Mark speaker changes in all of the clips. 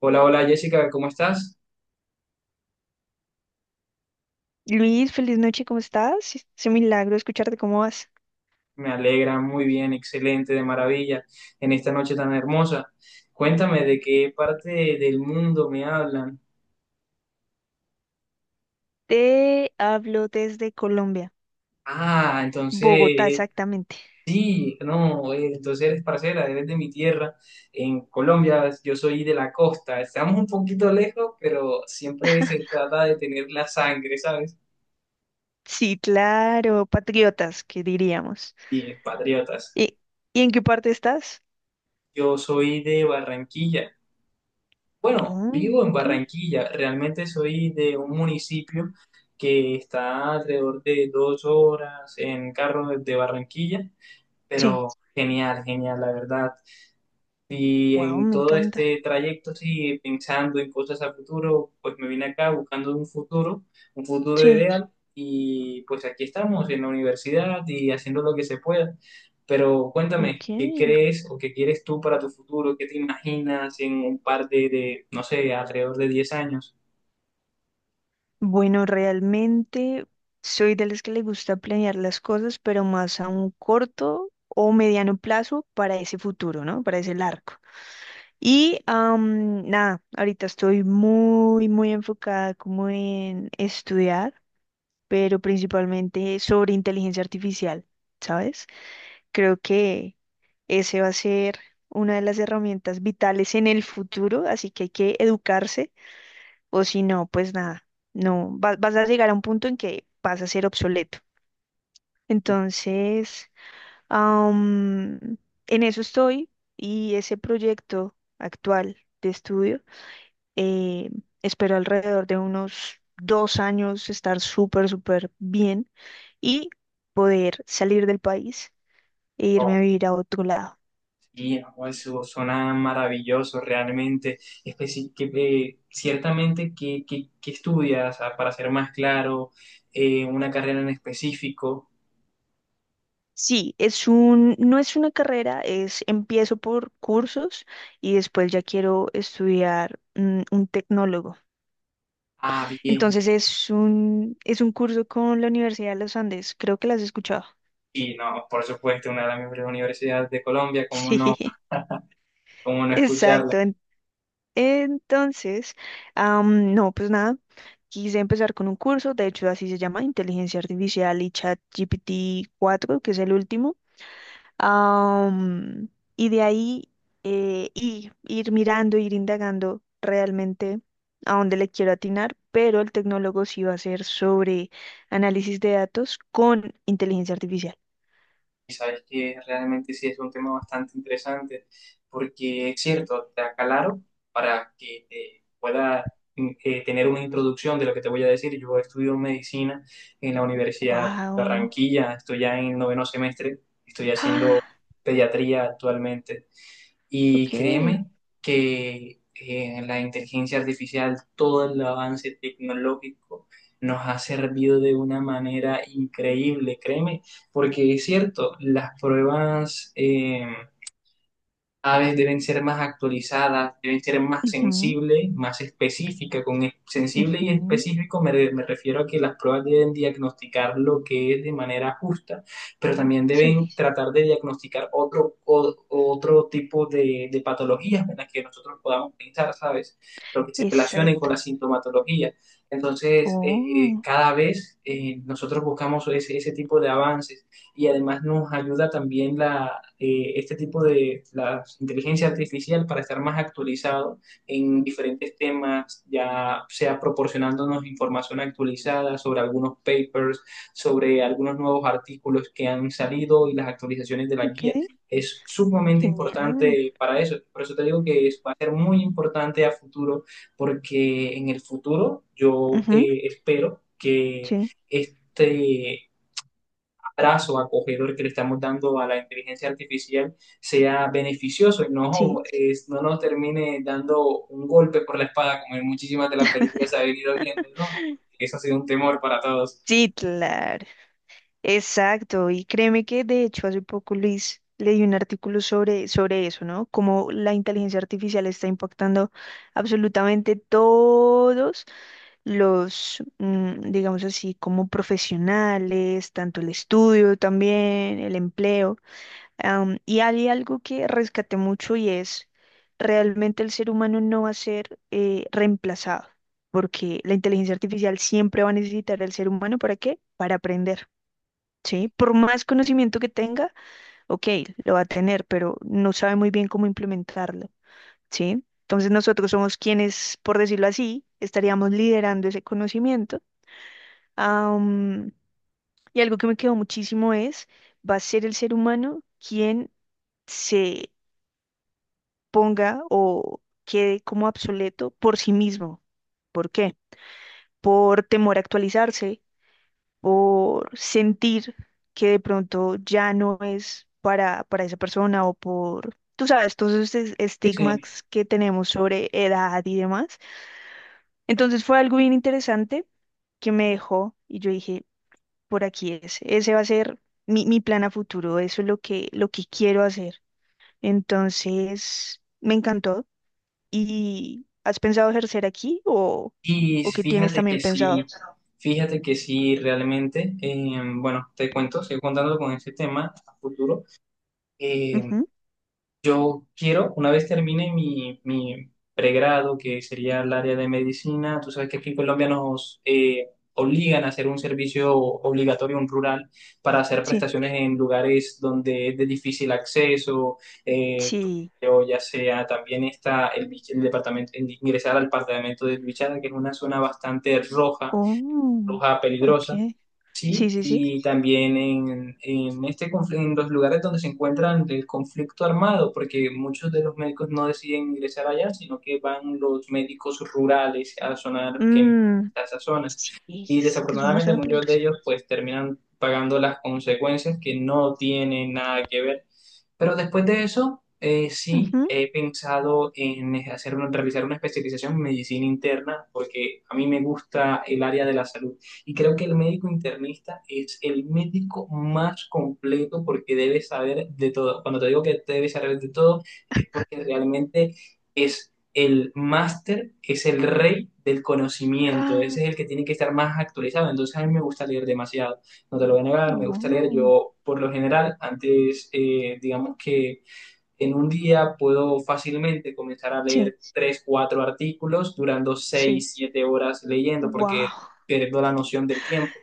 Speaker 1: Hola, hola Jessica, ¿cómo estás?
Speaker 2: Luis, feliz noche, ¿cómo estás? Es un milagro escucharte, ¿cómo vas?
Speaker 1: Me alegra, muy bien, excelente, de maravilla, en esta noche tan hermosa. Cuéntame de qué parte del mundo me hablan.
Speaker 2: Te hablo desde Colombia,
Speaker 1: Ah, entonces,
Speaker 2: Bogotá exactamente.
Speaker 1: sí, no, entonces eres parcera, eres de mi tierra, en Colombia, yo soy de la costa, estamos un poquito lejos, pero siempre se trata de tener la sangre, ¿sabes?
Speaker 2: Sí, claro, patriotas, que diríamos.
Speaker 1: Y patriotas.
Speaker 2: ¿Y, y en qué parte estás?
Speaker 1: Yo soy de Barranquilla. Bueno, vivo
Speaker 2: Mm,
Speaker 1: en
Speaker 2: ok.
Speaker 1: Barranquilla. Realmente soy de un municipio que está alrededor de 2 horas en carro desde Barranquilla,
Speaker 2: Sí,
Speaker 1: pero genial, genial, la verdad. Y
Speaker 2: wow,
Speaker 1: en
Speaker 2: me
Speaker 1: todo
Speaker 2: encanta.
Speaker 1: este trayecto, sí, pensando en cosas a futuro, pues me vine acá buscando un futuro
Speaker 2: Sí,
Speaker 1: ideal, y pues aquí estamos en la universidad y haciendo lo que se pueda. Pero
Speaker 2: ok.
Speaker 1: cuéntame, ¿qué crees o qué quieres tú para tu futuro? ¿Qué te imaginas en un par de, no sé, alrededor de 10 años?
Speaker 2: Bueno, realmente soy de las que le gusta planear las cosas, pero más a un corto o mediano plazo para ese futuro, ¿no? Para ese largo. Y nada, ahorita estoy muy, muy enfocada como en estudiar, pero principalmente sobre inteligencia artificial, ¿sabes? Creo que ese va a ser una de las herramientas vitales en el futuro, así que hay que educarse, o si no, pues nada, no, vas a llegar a un punto en que vas a ser obsoleto. Entonces, am, en eso estoy y ese proyecto actual de estudio. Eh, Espero alrededor de unos 2 años estar súper, súper bien y poder salir del país e irme a vivir a otro lado.
Speaker 1: Sí, no, eso suena maravilloso realmente. Especi- que, ciertamente, ¿qué estudias? Ah, para ser más claro, una carrera en específico.
Speaker 2: Sí, no es una carrera, es empiezo por cursos y después ya quiero estudiar un tecnólogo.
Speaker 1: Ah, bien.
Speaker 2: Entonces es un curso con la Universidad de los Andes, creo que las has escuchado.
Speaker 1: Y no, por supuesto, una de las mejores universidades de Colombia,
Speaker 2: Sí,
Speaker 1: cómo no escucharla?
Speaker 2: exacto. Entonces, no, pues nada, quise empezar con un curso, de hecho así se llama, Inteligencia Artificial y Chat GPT 4, que es el último. Am, y de ahí y ir mirando, ir indagando realmente a dónde le quiero atinar, pero el tecnólogo sí va a ser sobre análisis de datos con inteligencia artificial.
Speaker 1: Y sabes que realmente sí es un tema bastante interesante, porque es cierto, te aclaro para que te pueda tener una introducción de lo que te voy a decir. Yo estudio medicina en la Universidad de
Speaker 2: Wow.
Speaker 1: Barranquilla, estoy ya en noveno semestre, estoy haciendo
Speaker 2: Ah,
Speaker 1: pediatría actualmente. Y
Speaker 2: ok.
Speaker 1: créeme que la inteligencia artificial, todo el avance tecnológico nos ha servido de una manera increíble, créeme, porque es cierto, las pruebas, aves deben ser más actualizadas, deben ser más
Speaker 2: Ujú,
Speaker 1: sensibles, más específicas. Con sensible y
Speaker 2: ujú.
Speaker 1: específico me refiero a que las pruebas deben diagnosticar lo que es de manera justa, pero también
Speaker 2: Sí,
Speaker 1: deben tratar de diagnosticar otro tipo de patologías en las que nosotros podamos pensar, ¿sabes? Pero que se relacionen con
Speaker 2: exacto.
Speaker 1: la sintomatología. Entonces,
Speaker 2: Oh.
Speaker 1: cada vez nosotros buscamos ese tipo de avances y además nos ayuda también este tipo de la inteligencia artificial para estar más actualizado en diferentes temas, ya sea proporcionándonos información actualizada sobre algunos papers, sobre algunos nuevos artículos que han salido y las actualizaciones de la
Speaker 2: Ok,
Speaker 1: guía. Es sumamente
Speaker 2: genial.
Speaker 1: importante para eso. Por eso te digo que va a ser muy importante a futuro, porque en el futuro yo
Speaker 2: Ujú,
Speaker 1: espero que
Speaker 2: sí,
Speaker 1: este abrazo acogedor que le estamos dando a la inteligencia artificial sea beneficioso y no,
Speaker 2: sí.
Speaker 1: no nos termine dando un golpe por la espada como en muchísimas de las películas se ha venido viendo, ¿no? Eso ha sido un temor para todos.
Speaker 2: Sí, claro. Exacto. Y créeme que de hecho hace poco, Luis, leí un artículo sobre, sobre eso, ¿no? Cómo la inteligencia artificial está impactando absolutamente todos los, mm, digamos así, como profesionales, tanto el estudio también, el empleo. Y hay algo que rescaté mucho y es, realmente el ser humano no va a ser reemplazado, porque la inteligencia artificial siempre va a necesitar al ser humano. ¿Para qué? Para aprender, ¿sí? Por más conocimiento que tenga, ok, lo va a tener, pero no sabe muy bien cómo implementarlo, ¿sí? Entonces nosotros somos quienes, por decirlo así, estaríamos liderando ese conocimiento. Am, y algo que me quedó muchísimo es, va a ser el ser humano quien se ponga o quede como obsoleto por sí mismo. ¿Por qué? Por temor a actualizarse, por sentir que de pronto ya no es para esa persona o por, tú sabes, todos esos
Speaker 1: Sí.
Speaker 2: estigmas que tenemos sobre edad y demás. Entonces fue algo bien interesante que me dejó y yo dije, por aquí es, ese va a ser mi plan a futuro, eso es lo lo que quiero hacer. Entonces, me encantó. ¿Y has pensado ejercer aquí
Speaker 1: Y
Speaker 2: o qué tienes también pensado?
Speaker 1: fíjate que sí, realmente, bueno, te cuento, sigo contando con ese tema a futuro. Eh,
Speaker 2: Ujú.
Speaker 1: Yo quiero, una vez termine mi pregrado, que sería el área de medicina, tú sabes que aquí en Colombia nos obligan a hacer un servicio obligatorio, un rural, para hacer
Speaker 2: Sí,
Speaker 1: prestaciones en lugares donde es de difícil acceso, eh,
Speaker 2: sí.
Speaker 1: o ya sea también está el departamento, ingresar al departamento de Bichada, que es una zona bastante roja,
Speaker 2: Oh,
Speaker 1: roja
Speaker 2: ok.
Speaker 1: peligrosa.
Speaker 2: Sí,
Speaker 1: Sí,
Speaker 2: sí, sí.
Speaker 1: y también en los lugares donde se encuentran el conflicto armado, porque muchos de los médicos no deciden ingresar allá, sino que van los médicos rurales a zonar que envían
Speaker 2: Mm,
Speaker 1: a esas zonas.
Speaker 2: sí,
Speaker 1: Y
Speaker 2: es que es una
Speaker 1: desafortunadamente
Speaker 2: zona
Speaker 1: muchos de
Speaker 2: peligrosa.
Speaker 1: ellos pues terminan pagando las consecuencias que no tienen nada que ver. Pero después de eso, sí,
Speaker 2: Ujú.
Speaker 1: he pensado en realizar una especialización en medicina interna, porque a mí me gusta el área de la salud y creo que el médico internista es el médico más completo porque debe saber de todo. Cuando te digo que debe saber de todo, es porque realmente es el máster, es el rey del conocimiento.
Speaker 2: Ah,
Speaker 1: Ese es el que tiene que estar más actualizado. Entonces a mí me gusta leer demasiado. No te lo voy a negar, me gusta leer.
Speaker 2: no.
Speaker 1: Yo, por lo general, antes, digamos que en un día puedo fácilmente comenzar a
Speaker 2: Sí,
Speaker 1: leer tres, cuatro artículos durando
Speaker 2: sí.
Speaker 1: 6, 7 horas leyendo porque
Speaker 2: Wow.
Speaker 1: pierdo la noción del tiempo.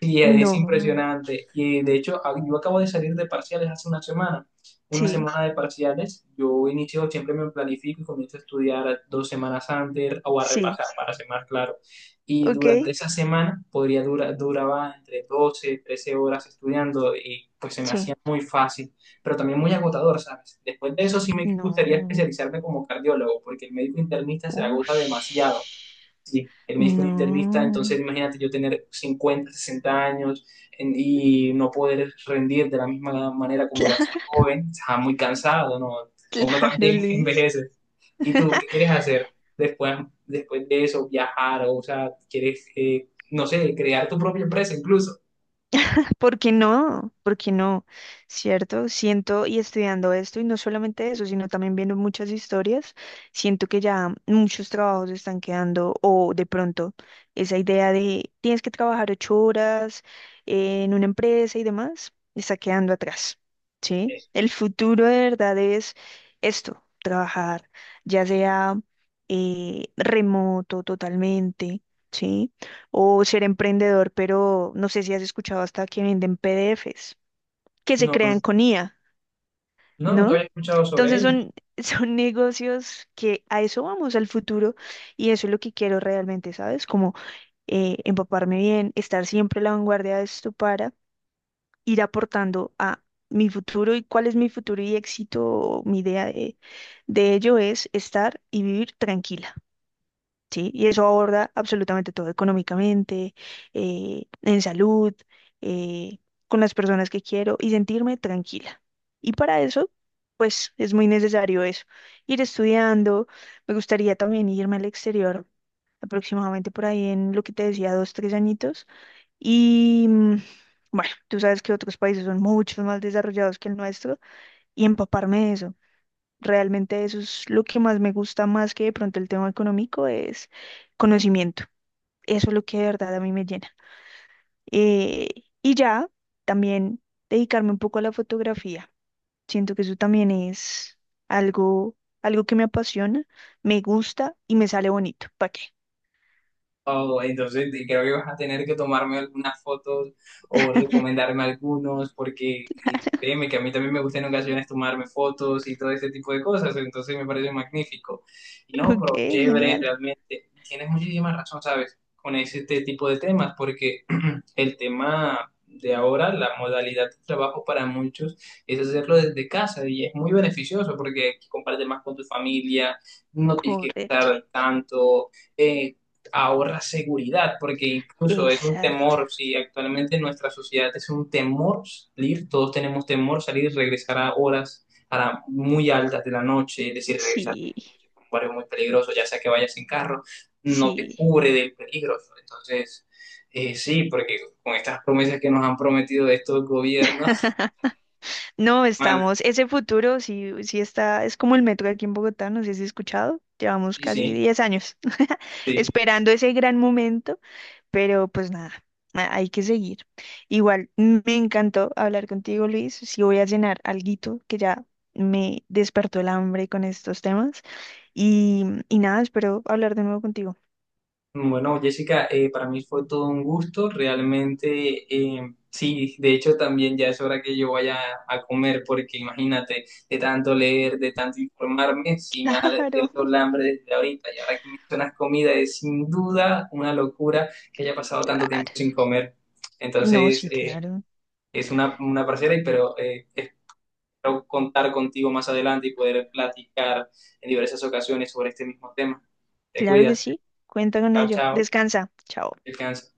Speaker 1: Sí, es
Speaker 2: No.
Speaker 1: impresionante. Y de hecho, yo acabo de salir de parciales hace una semana. Una
Speaker 2: Sí,
Speaker 1: semana de parciales, yo inicio, siempre me planifico y comienzo a estudiar 2 semanas antes o a
Speaker 2: sí.
Speaker 1: repasar para ser más claro. Y
Speaker 2: Ok.
Speaker 1: durante esa semana podría duraba entre 12 13 horas estudiando y pues se me
Speaker 2: Sí.
Speaker 1: hacía muy fácil, pero también muy agotador, ¿sabes? Después de eso sí me gustaría
Speaker 2: No.
Speaker 1: especializarme como cardiólogo, porque el médico internista se agota demasiado.
Speaker 2: Ush.
Speaker 1: Sí, el médico es internista, entonces
Speaker 2: No.
Speaker 1: imagínate yo tener 50 60 años y no poder rendir de la misma manera como lo hacía joven, está muy cansado, ¿no? Uno
Speaker 2: Claro,
Speaker 1: también
Speaker 2: Luis.
Speaker 1: envejece. ¿Y tú qué quieres hacer después, después de eso? ¿Viajar? O sea, ¿quieres, no sé, crear tu propia empresa incluso?
Speaker 2: ¿Porque no? ¿Porque no? ¿Cierto? Siento y estudiando esto, y no solamente eso, sino también viendo muchas historias, siento que ya muchos trabajos están quedando, o de pronto esa idea de tienes que trabajar 8 horas en una empresa y demás, está quedando atrás, ¿sí?
Speaker 1: Eh,
Speaker 2: El futuro de verdad es esto, trabajar, ya sea remoto totalmente, ¿sí? O ser emprendedor, pero no sé si has escuchado hasta que venden PDF que se
Speaker 1: No,
Speaker 2: crean con IA,
Speaker 1: no, nunca
Speaker 2: ¿no?
Speaker 1: había escuchado sobre
Speaker 2: Entonces
Speaker 1: ello.
Speaker 2: son, son negocios que a eso vamos, al futuro, y eso es lo que quiero realmente, ¿sabes? Como empaparme bien, estar siempre a la vanguardia de esto para ir aportando a mi futuro y cuál es mi futuro y éxito, mi idea de ello es estar y vivir tranquila. ¿Sí? Y eso aborda absolutamente todo económicamente, en salud, eh, con las personas que quiero y sentirme tranquila. Y para eso, pues es muy necesario eso, ir estudiando. Me gustaría también irme al exterior, aproximadamente por ahí en lo que te decía, dos, tres añitos. Y bueno, tú sabes que otros países son mucho más desarrollados que el nuestro y empaparme de eso. Realmente eso es lo que más me gusta más que de pronto el tema económico es conocimiento. Eso es lo que de verdad a mí me llena. Eh, y ya también dedicarme un poco a la fotografía. Siento que eso también es algo, algo que me apasiona, me gusta y me sale bonito. ¿Para qué?
Speaker 1: Oh, entonces creo que vas a tener que tomarme algunas fotos o recomendarme algunos, porque y créeme que a mí también me gusta en ocasiones tomarme fotos y todo ese tipo de cosas, entonces me parece magnífico. Y no,
Speaker 2: Ok,
Speaker 1: pero chévere,
Speaker 2: genial.
Speaker 1: realmente. Y tienes muchísima razón, ¿sabes? Con ese este tipo de temas, porque el tema de ahora, la modalidad de trabajo para muchos es hacerlo desde casa y es muy beneficioso porque compartes más con tu familia, no tienes que
Speaker 2: Correcto.
Speaker 1: gastar tanto, eh, ahorra seguridad, porque incluso es un
Speaker 2: Exacto.
Speaker 1: temor, si actualmente en nuestra sociedad es un temor salir, todos tenemos temor salir y regresar a horas muy altas de la noche, es decir, regresar a la
Speaker 2: Sí,
Speaker 1: noche por un barrio muy peligroso, ya sea que vayas en carro, no te
Speaker 2: sí.
Speaker 1: cubre del peligro, entonces. Sí, porque con estas promesas que nos han prometido de estos gobiernos,
Speaker 2: No,
Speaker 1: mal,
Speaker 2: estamos, ese futuro sí, sí está, es como el metro aquí en Bogotá, no sé si has escuchado, llevamos
Speaker 1: sí,
Speaker 2: casi
Speaker 1: sí,
Speaker 2: 10 años
Speaker 1: sí.
Speaker 2: esperando ese gran momento, pero pues nada, hay que seguir. Igual, me encantó hablar contigo, Luis, sí voy a cenar alguito que ya me despertó el hambre con estos temas y, y nada, espero hablar de nuevo contigo.
Speaker 1: Bueno, Jessica, para mí fue todo un gusto, realmente, sí, de hecho también ya es hora que yo vaya a comer, porque imagínate, de tanto leer, de tanto informarme, sí me ha
Speaker 2: Claro,
Speaker 1: despierto el hambre desde ahorita, y ahora que mencionas comida, es sin duda una locura que haya pasado tanto
Speaker 2: claro.
Speaker 1: tiempo sin comer.
Speaker 2: No,
Speaker 1: Entonces,
Speaker 2: sí, claro,
Speaker 1: es una parcera, y pero espero contar contigo más adelante y poder platicar en diversas ocasiones sobre este mismo tema. Te
Speaker 2: claro que
Speaker 1: cuidas.
Speaker 2: sí, cuenta con
Speaker 1: Chao,
Speaker 2: ello.
Speaker 1: chao.
Speaker 2: Descansa, chao.
Speaker 1: Descansa.